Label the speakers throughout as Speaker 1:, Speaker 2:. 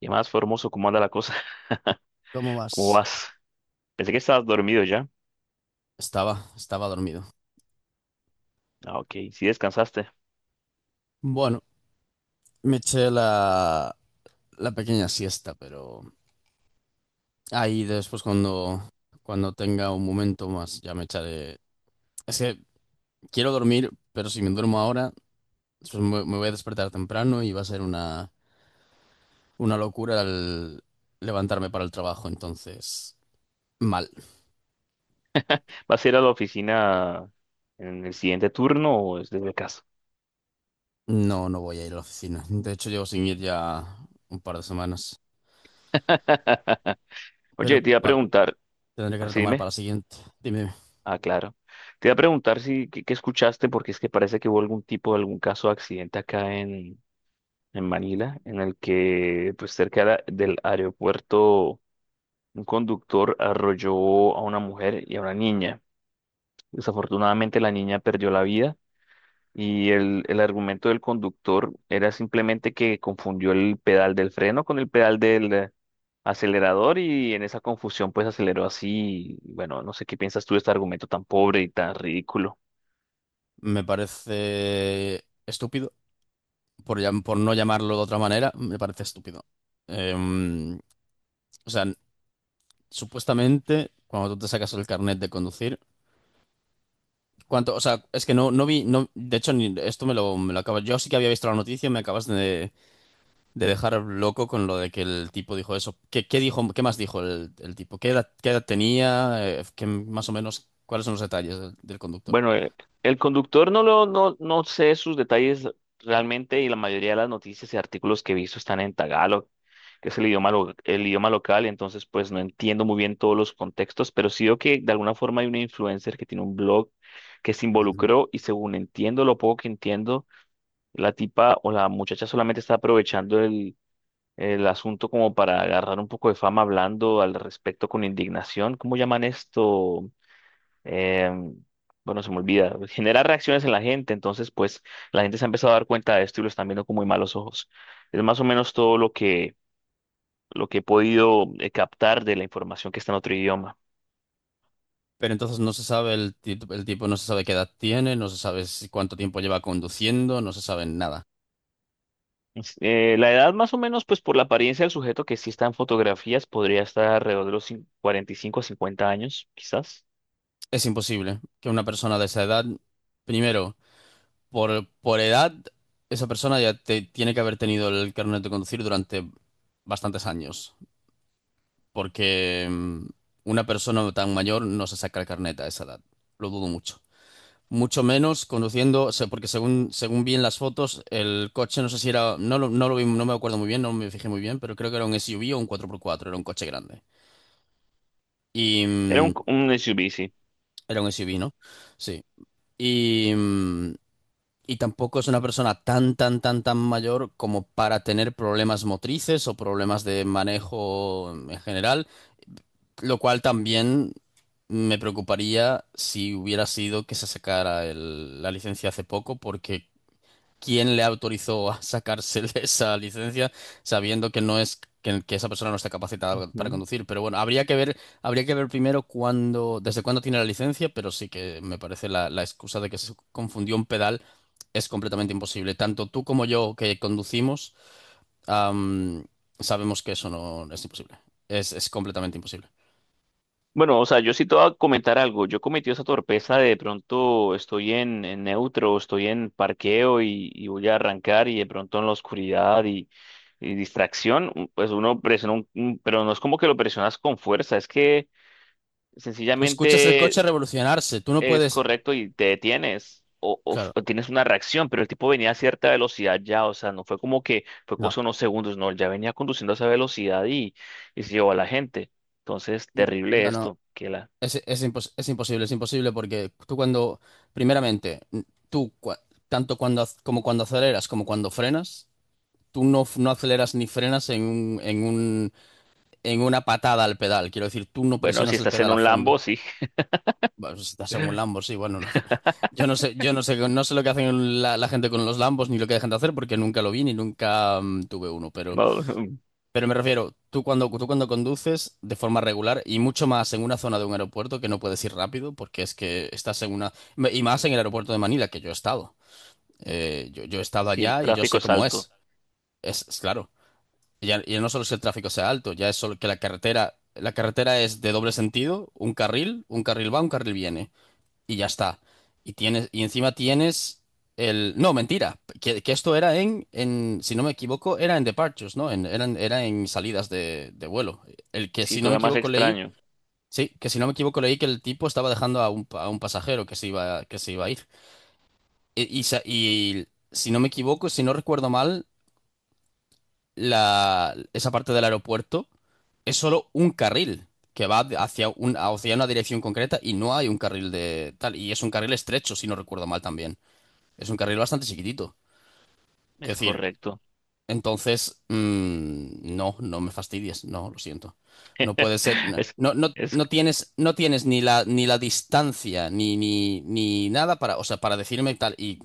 Speaker 1: ¿Qué más, Formoso? ¿Cómo anda la cosa?
Speaker 2: ¿Cómo
Speaker 1: ¿Cómo
Speaker 2: vas?
Speaker 1: vas? Pensé que estabas dormido ya.
Speaker 2: Estaba dormido.
Speaker 1: Ah, ok, sí descansaste.
Speaker 2: Bueno, me eché la pequeña siesta, pero ahí después cuando tenga un momento más ya me echaré. Es que quiero dormir, pero si me duermo ahora, pues me voy a despertar temprano y va a ser una locura el levantarme para el trabajo. Entonces, mal.
Speaker 1: ¿Vas a ir a la oficina en el siguiente turno o es desde casa?
Speaker 2: No, no voy a ir a la oficina. De hecho, llevo sin ir ya un par de semanas. Pero
Speaker 1: Oye, te iba a preguntar,
Speaker 2: tendré que
Speaker 1: así
Speaker 2: retomar para
Speaker 1: dime.
Speaker 2: la siguiente. Dime.
Speaker 1: Ah, claro. Te iba a preguntar si qué, qué escuchaste, porque es que parece que hubo algún caso de accidente acá en Manila, en el que, pues cerca de del aeropuerto, un conductor arrolló a una mujer y a una niña. Desafortunadamente la niña perdió la vida. Y el argumento del conductor era simplemente que confundió el pedal del freno con el pedal del acelerador, y en esa confusión pues aceleró así. Y bueno, no sé qué piensas tú de este argumento tan pobre y tan ridículo.
Speaker 2: Me parece estúpido, por, por no llamarlo de otra manera, me parece estúpido. Em, o sea, supuestamente, cuando tú te sacas el carnet de conducir, ¿cuánto? O sea, es que no, no vi, no, de hecho, ni, esto me lo acabas. Yo sí que había visto la noticia, me acabas de dejar loco con lo de que el tipo dijo eso. ¿Qué, qué dijo, qué más dijo el tipo? Qué edad tenía? ¿Qué- más o menos, ¿cuáles son los detalles del conductor?
Speaker 1: Bueno, el conductor no lo, no, no sé sus detalles realmente, y la mayoría de las noticias y artículos que he visto están en tagalo, que es el idioma, el idioma local, entonces pues no entiendo muy bien todos los contextos, pero sí veo que de alguna forma hay una influencer que tiene un blog que se involucró, y según entiendo, lo poco que entiendo, la tipa o la muchacha solamente está aprovechando el asunto como para agarrar un poco de fama hablando al respecto con indignación. ¿Cómo llaman esto? em, bueno, se me olvida, genera reacciones en la gente, entonces pues la gente se ha empezado a dar cuenta de esto y lo están viendo con muy malos ojos. Es más o menos todo lo que he podido captar de la información que está en otro idioma.
Speaker 2: Pero entonces no se sabe el tipo, no se sabe qué edad tiene, no se sabe si- cuánto tiempo lleva conduciendo, no se sabe nada.
Speaker 1: La edad más o menos, pues por la apariencia del sujeto que sí está en fotografías, podría estar alrededor de los 45 a 50 años, quizás.
Speaker 2: Es imposible que una persona de esa edad, primero, por edad, esa persona ya te- tiene que haber tenido el carnet de conducir durante bastantes años, porque una persona tan mayor no se saca el carnet a esa edad. Lo dudo mucho. Mucho menos conduciendo, o sea, porque según, según vi en las fotos, el coche no sé si era, no lo vi, no me acuerdo muy bien, no me fijé muy bien, pero creo que era un SUV o un cuatro por cuatro era un coche grande. Y
Speaker 1: Era un SUV, sí.
Speaker 2: era un SUV, ¿no? Sí. Y, y tampoco es una persona tan, tan, tan, tan mayor como para tener problemas motrices o problemas de manejo en general, lo cual también me preocuparía si hubiera sido que se sacara la licencia hace poco, porque quién le autorizó a sacarse esa licencia sabiendo que no es que esa persona no está capacitada para
Speaker 1: Ujú.
Speaker 2: conducir. Pero bueno, habría que ver primero cuándo, desde cuándo tiene la licencia, pero sí que me parece la excusa de que se confundió un pedal es completamente imposible. Tanto tú como yo que conducimos, am, sabemos que eso no es imposible. Es completamente imposible.
Speaker 1: Bueno, o sea, yo sí te voy a comentar algo. Yo cometí esa torpeza de pronto estoy en neutro, estoy en parqueo, y voy a arrancar y de pronto en la oscuridad y distracción, pues uno presiona pero no es como que lo presionas con fuerza, es que
Speaker 2: Tú escuchas el coche
Speaker 1: sencillamente
Speaker 2: revolucionarse, tú no
Speaker 1: es
Speaker 2: puedes...
Speaker 1: correcto y te detienes o,
Speaker 2: Claro,
Speaker 1: o tienes una reacción, pero el tipo venía a cierta velocidad ya, o sea, no fue como que fue cosa
Speaker 2: no.
Speaker 1: de unos segundos, no, él ya venía conduciendo a esa velocidad y se llevó a la gente. Entonces, terrible
Speaker 2: No, no.
Speaker 1: esto, que la...
Speaker 2: Es imposible, es imposible porque tú primeramente, tú tanto cuando como cuando aceleras como cuando frenas, tú no aceleras ni frenas en un, en una patada al pedal. Quiero decir, tú no
Speaker 1: Bueno, si
Speaker 2: presionas el
Speaker 1: estás en
Speaker 2: pedal a
Speaker 1: un Lambo,
Speaker 2: fondo.
Speaker 1: sí.
Speaker 2: Bueno, si estás en un Lambo, sí, bueno, no. Yo no sé, no sé lo que hacen la gente con los Lambos ni lo que dejan de hacer porque nunca lo vi ni nunca tuve uno,
Speaker 1: No,
Speaker 2: pero me refiero, tú tú cuando conduces de forma regular y mucho más en una zona de un aeropuerto que no puedes ir rápido porque es que estás en una... Y más en el aeropuerto de Manila, que yo he estado. Yo he estado
Speaker 1: si el
Speaker 2: allá y yo
Speaker 1: tráfico
Speaker 2: sé
Speaker 1: es
Speaker 2: cómo
Speaker 1: alto.
Speaker 2: es. Es claro. Ya no solo es que el tráfico sea alto, ya es solo que la carretera... La carretera es de doble sentido, un carril va, un carril viene y ya está. Y tienes, y encima tienes el. No, mentira. Que esto era si no me equivoco, era en departures, ¿no? En, eran, era en salidas de vuelo. El que,
Speaker 1: Sí,
Speaker 2: si no me
Speaker 1: todavía más
Speaker 2: equivoco, leí.
Speaker 1: extraño.
Speaker 2: Sí, que si no me equivoco, leí que el tipo estaba dejando a un, a un pasajero que se iba a ir. Y y si no me equivoco, si no recuerdo mal, esa parte del aeropuerto es solo un carril que va hacia una dirección concreta y no hay un carril de tal. Y es un carril estrecho, si no recuerdo mal también. Es un carril bastante chiquitito. Quiero
Speaker 1: Es
Speaker 2: decir,
Speaker 1: correcto.
Speaker 2: entonces, no, no me fastidies. No, lo siento. No puede ser. No,
Speaker 1: Es,
Speaker 2: no,
Speaker 1: es...
Speaker 2: no tienes, no tienes ni ni la distancia, ni nada para, o sea, para decirme tal. Y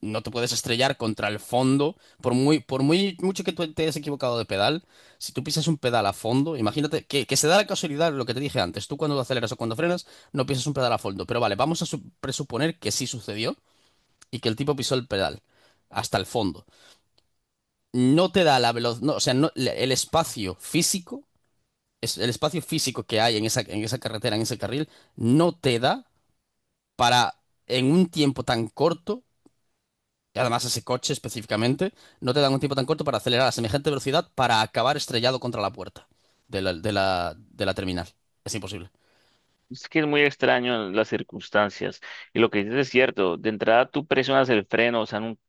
Speaker 2: no te puedes estrellar contra el fondo. Por muy mucho que tú te hayas equivocado de pedal, si tú pisas un pedal a fondo, imagínate que se da la casualidad lo que te dije antes. Tú cuando aceleras o cuando frenas, no pisas un pedal a fondo. Pero vale, vamos a presuponer que sí sucedió y que el tipo pisó el pedal hasta el fondo. No te da la velocidad, no, o sea, no- el espacio físico, el espacio físico que hay en esa carretera, en ese carril, no te da para, en un tiempo tan corto, y además ese coche específicamente, no te da un tiempo tan corto para acelerar a semejante velocidad para acabar estrellado contra la puerta de la terminal. Es imposible.
Speaker 1: Es que es muy extraño las circunstancias. Y lo que dices es cierto. De entrada, tú presionas el freno, o sea, en un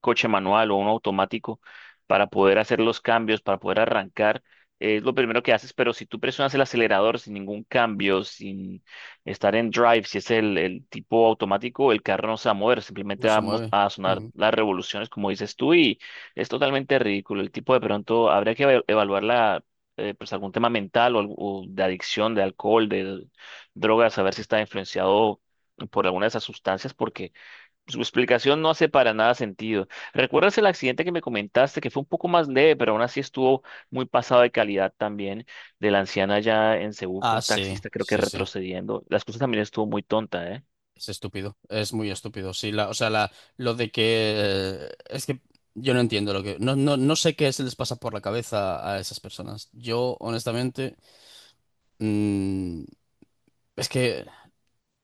Speaker 1: coche manual o un automático, para poder hacer los cambios, para poder arrancar. Es lo primero que haces, pero si tú presionas el acelerador sin ningún cambio, sin estar en drive, si es el tipo automático, el carro no se va a mover,
Speaker 2: No
Speaker 1: simplemente va
Speaker 2: se
Speaker 1: a
Speaker 2: mueve.
Speaker 1: a sonar
Speaker 2: Ujú.
Speaker 1: las revoluciones, como dices tú, y es totalmente ridículo. El tipo de pronto habría que evaluar la pues algún tema mental o, o de adicción, de alcohol, de drogas, a ver si está influenciado por alguna de esas sustancias, porque su explicación no hace para nada sentido. ¿Recuerdas el accidente que me comentaste, que fue un poco más leve, pero aún así estuvo muy pasado de calidad también, de la anciana allá en Cebú que
Speaker 2: Ah,
Speaker 1: un
Speaker 2: sí,
Speaker 1: taxista creo que
Speaker 2: sí, sí.
Speaker 1: retrocediendo? Las cosas también estuvo muy tonta, ¿eh?
Speaker 2: Es estúpido, es muy estúpido. Sí, la, o sea, la, lo de que es que yo no entiendo lo que no, no, no sé qué se les pasa por la cabeza a esas personas. Yo, honestamente, mm, es que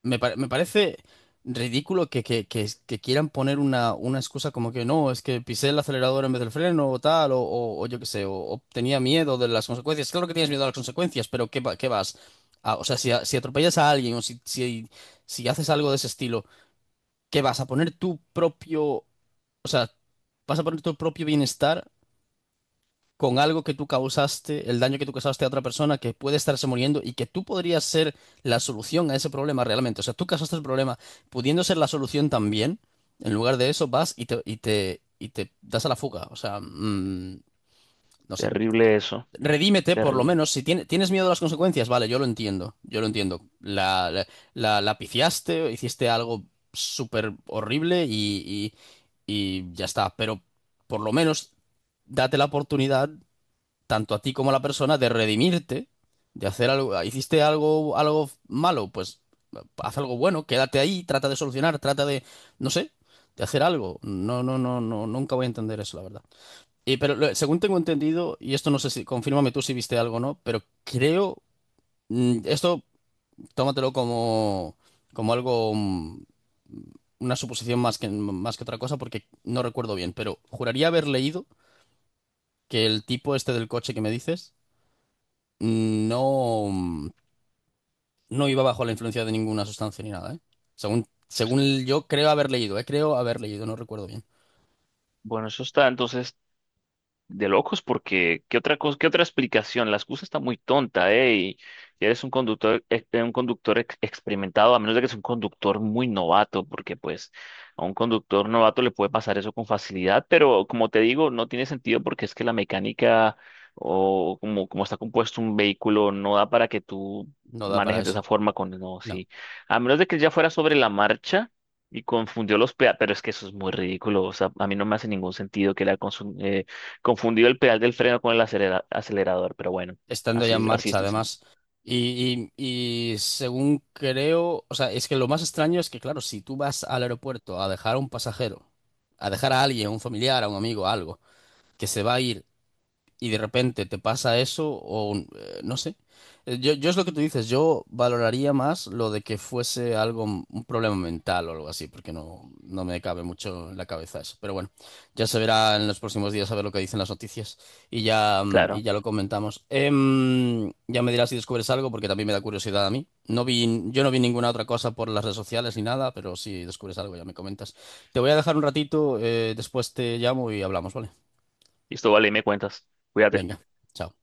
Speaker 2: me parece ridículo que quieran poner una excusa como que no, es que pisé el acelerador en vez del freno o tal, o yo qué sé, o tenía miedo de las consecuencias. Claro que tienes miedo a las consecuencias, pero ¿qué, va- qué vas? Ah, o sea, si, a- si atropellas a alguien o si haces algo de ese estilo que vas a poner tu propio, o sea, vas a poner tu propio bienestar con algo que tú causaste, el daño que tú causaste a otra persona que puede estarse muriendo y que tú podrías ser la solución a ese problema realmente. O sea, tú causaste el problema pudiendo ser la solución también. En lugar de eso vas y te das a la fuga. O sea, no sé.
Speaker 1: Terrible eso,
Speaker 2: Redímete, por lo
Speaker 1: terrible.
Speaker 2: menos. Si tienes miedo a las consecuencias, vale, yo lo entiendo. Yo lo entiendo. La pifiaste, hiciste algo súper horrible y ya está. Pero por lo menos date la oportunidad, tanto a ti como a la persona, de redimirte, de hacer algo. Hiciste algo, algo malo, pues haz algo bueno, quédate ahí, trata de solucionar, trata de, no sé, de hacer algo. No, no, no, no, nunca voy a entender eso, la verdad. Y pero según tengo entendido, y esto no sé si, confírmame tú si viste algo o no, pero creo, esto tómatelo como, como algo, una suposición más que otra cosa, porque no recuerdo bien, pero juraría haber leído que el tipo este del coche que me dices mm, no, mm, no iba bajo la influencia de ninguna sustancia ni nada, ¿eh? Según, según yo creo haber leído, ¿eh? Creo haber leído, no recuerdo bien.
Speaker 1: Bueno, eso está. Entonces, de locos porque ¿qué otra cosa, qué otra explicación? La excusa está muy tonta, ¿eh? Y si eres un conductor, un conductor experimentado, a menos de que es un conductor muy novato, porque pues a un conductor novato le puede pasar eso con facilidad, pero como te digo, no tiene sentido porque es que la mecánica o como, como está compuesto un vehículo no da para que tú
Speaker 2: No da para
Speaker 1: manejes de esa
Speaker 2: eso.
Speaker 1: forma con, no,
Speaker 2: No.
Speaker 1: sí. A menos de que ya fuera sobre la marcha. Y confundió los peatones, pero es que eso es muy ridículo, o sea, a mí no me hace ningún sentido que la... Confundido el pedal del freno con el acelerador, pero bueno,
Speaker 2: Estando ya en
Speaker 1: así, así es
Speaker 2: marcha,
Speaker 1: difícil.
Speaker 2: además. Y según creo, o sea, es que lo más extraño es que, claro, si tú vas al aeropuerto a dejar a un pasajero, a dejar a alguien, a un familiar, a un amigo, a algo, que se va a ir y de repente te pasa eso o un- no sé. Yo es lo que tú dices, yo valoraría más lo de que fuese algo, un problema mental o algo así, porque no, no me cabe mucho en la cabeza eso. Pero bueno, ya se verá en los próximos días a ver lo que dicen las noticias y ya, y
Speaker 1: Claro.
Speaker 2: ya lo comentamos. Ya me dirás si descubres algo, porque también me da curiosidad a mí. No vi, yo no vi ninguna otra cosa por las redes sociales ni nada, pero si descubres algo ya me comentas. Te voy a dejar un ratito, después te llamo y hablamos, ¿vale?
Speaker 1: Listo, vale, me cuentas. Cuídate.
Speaker 2: Venga, chao.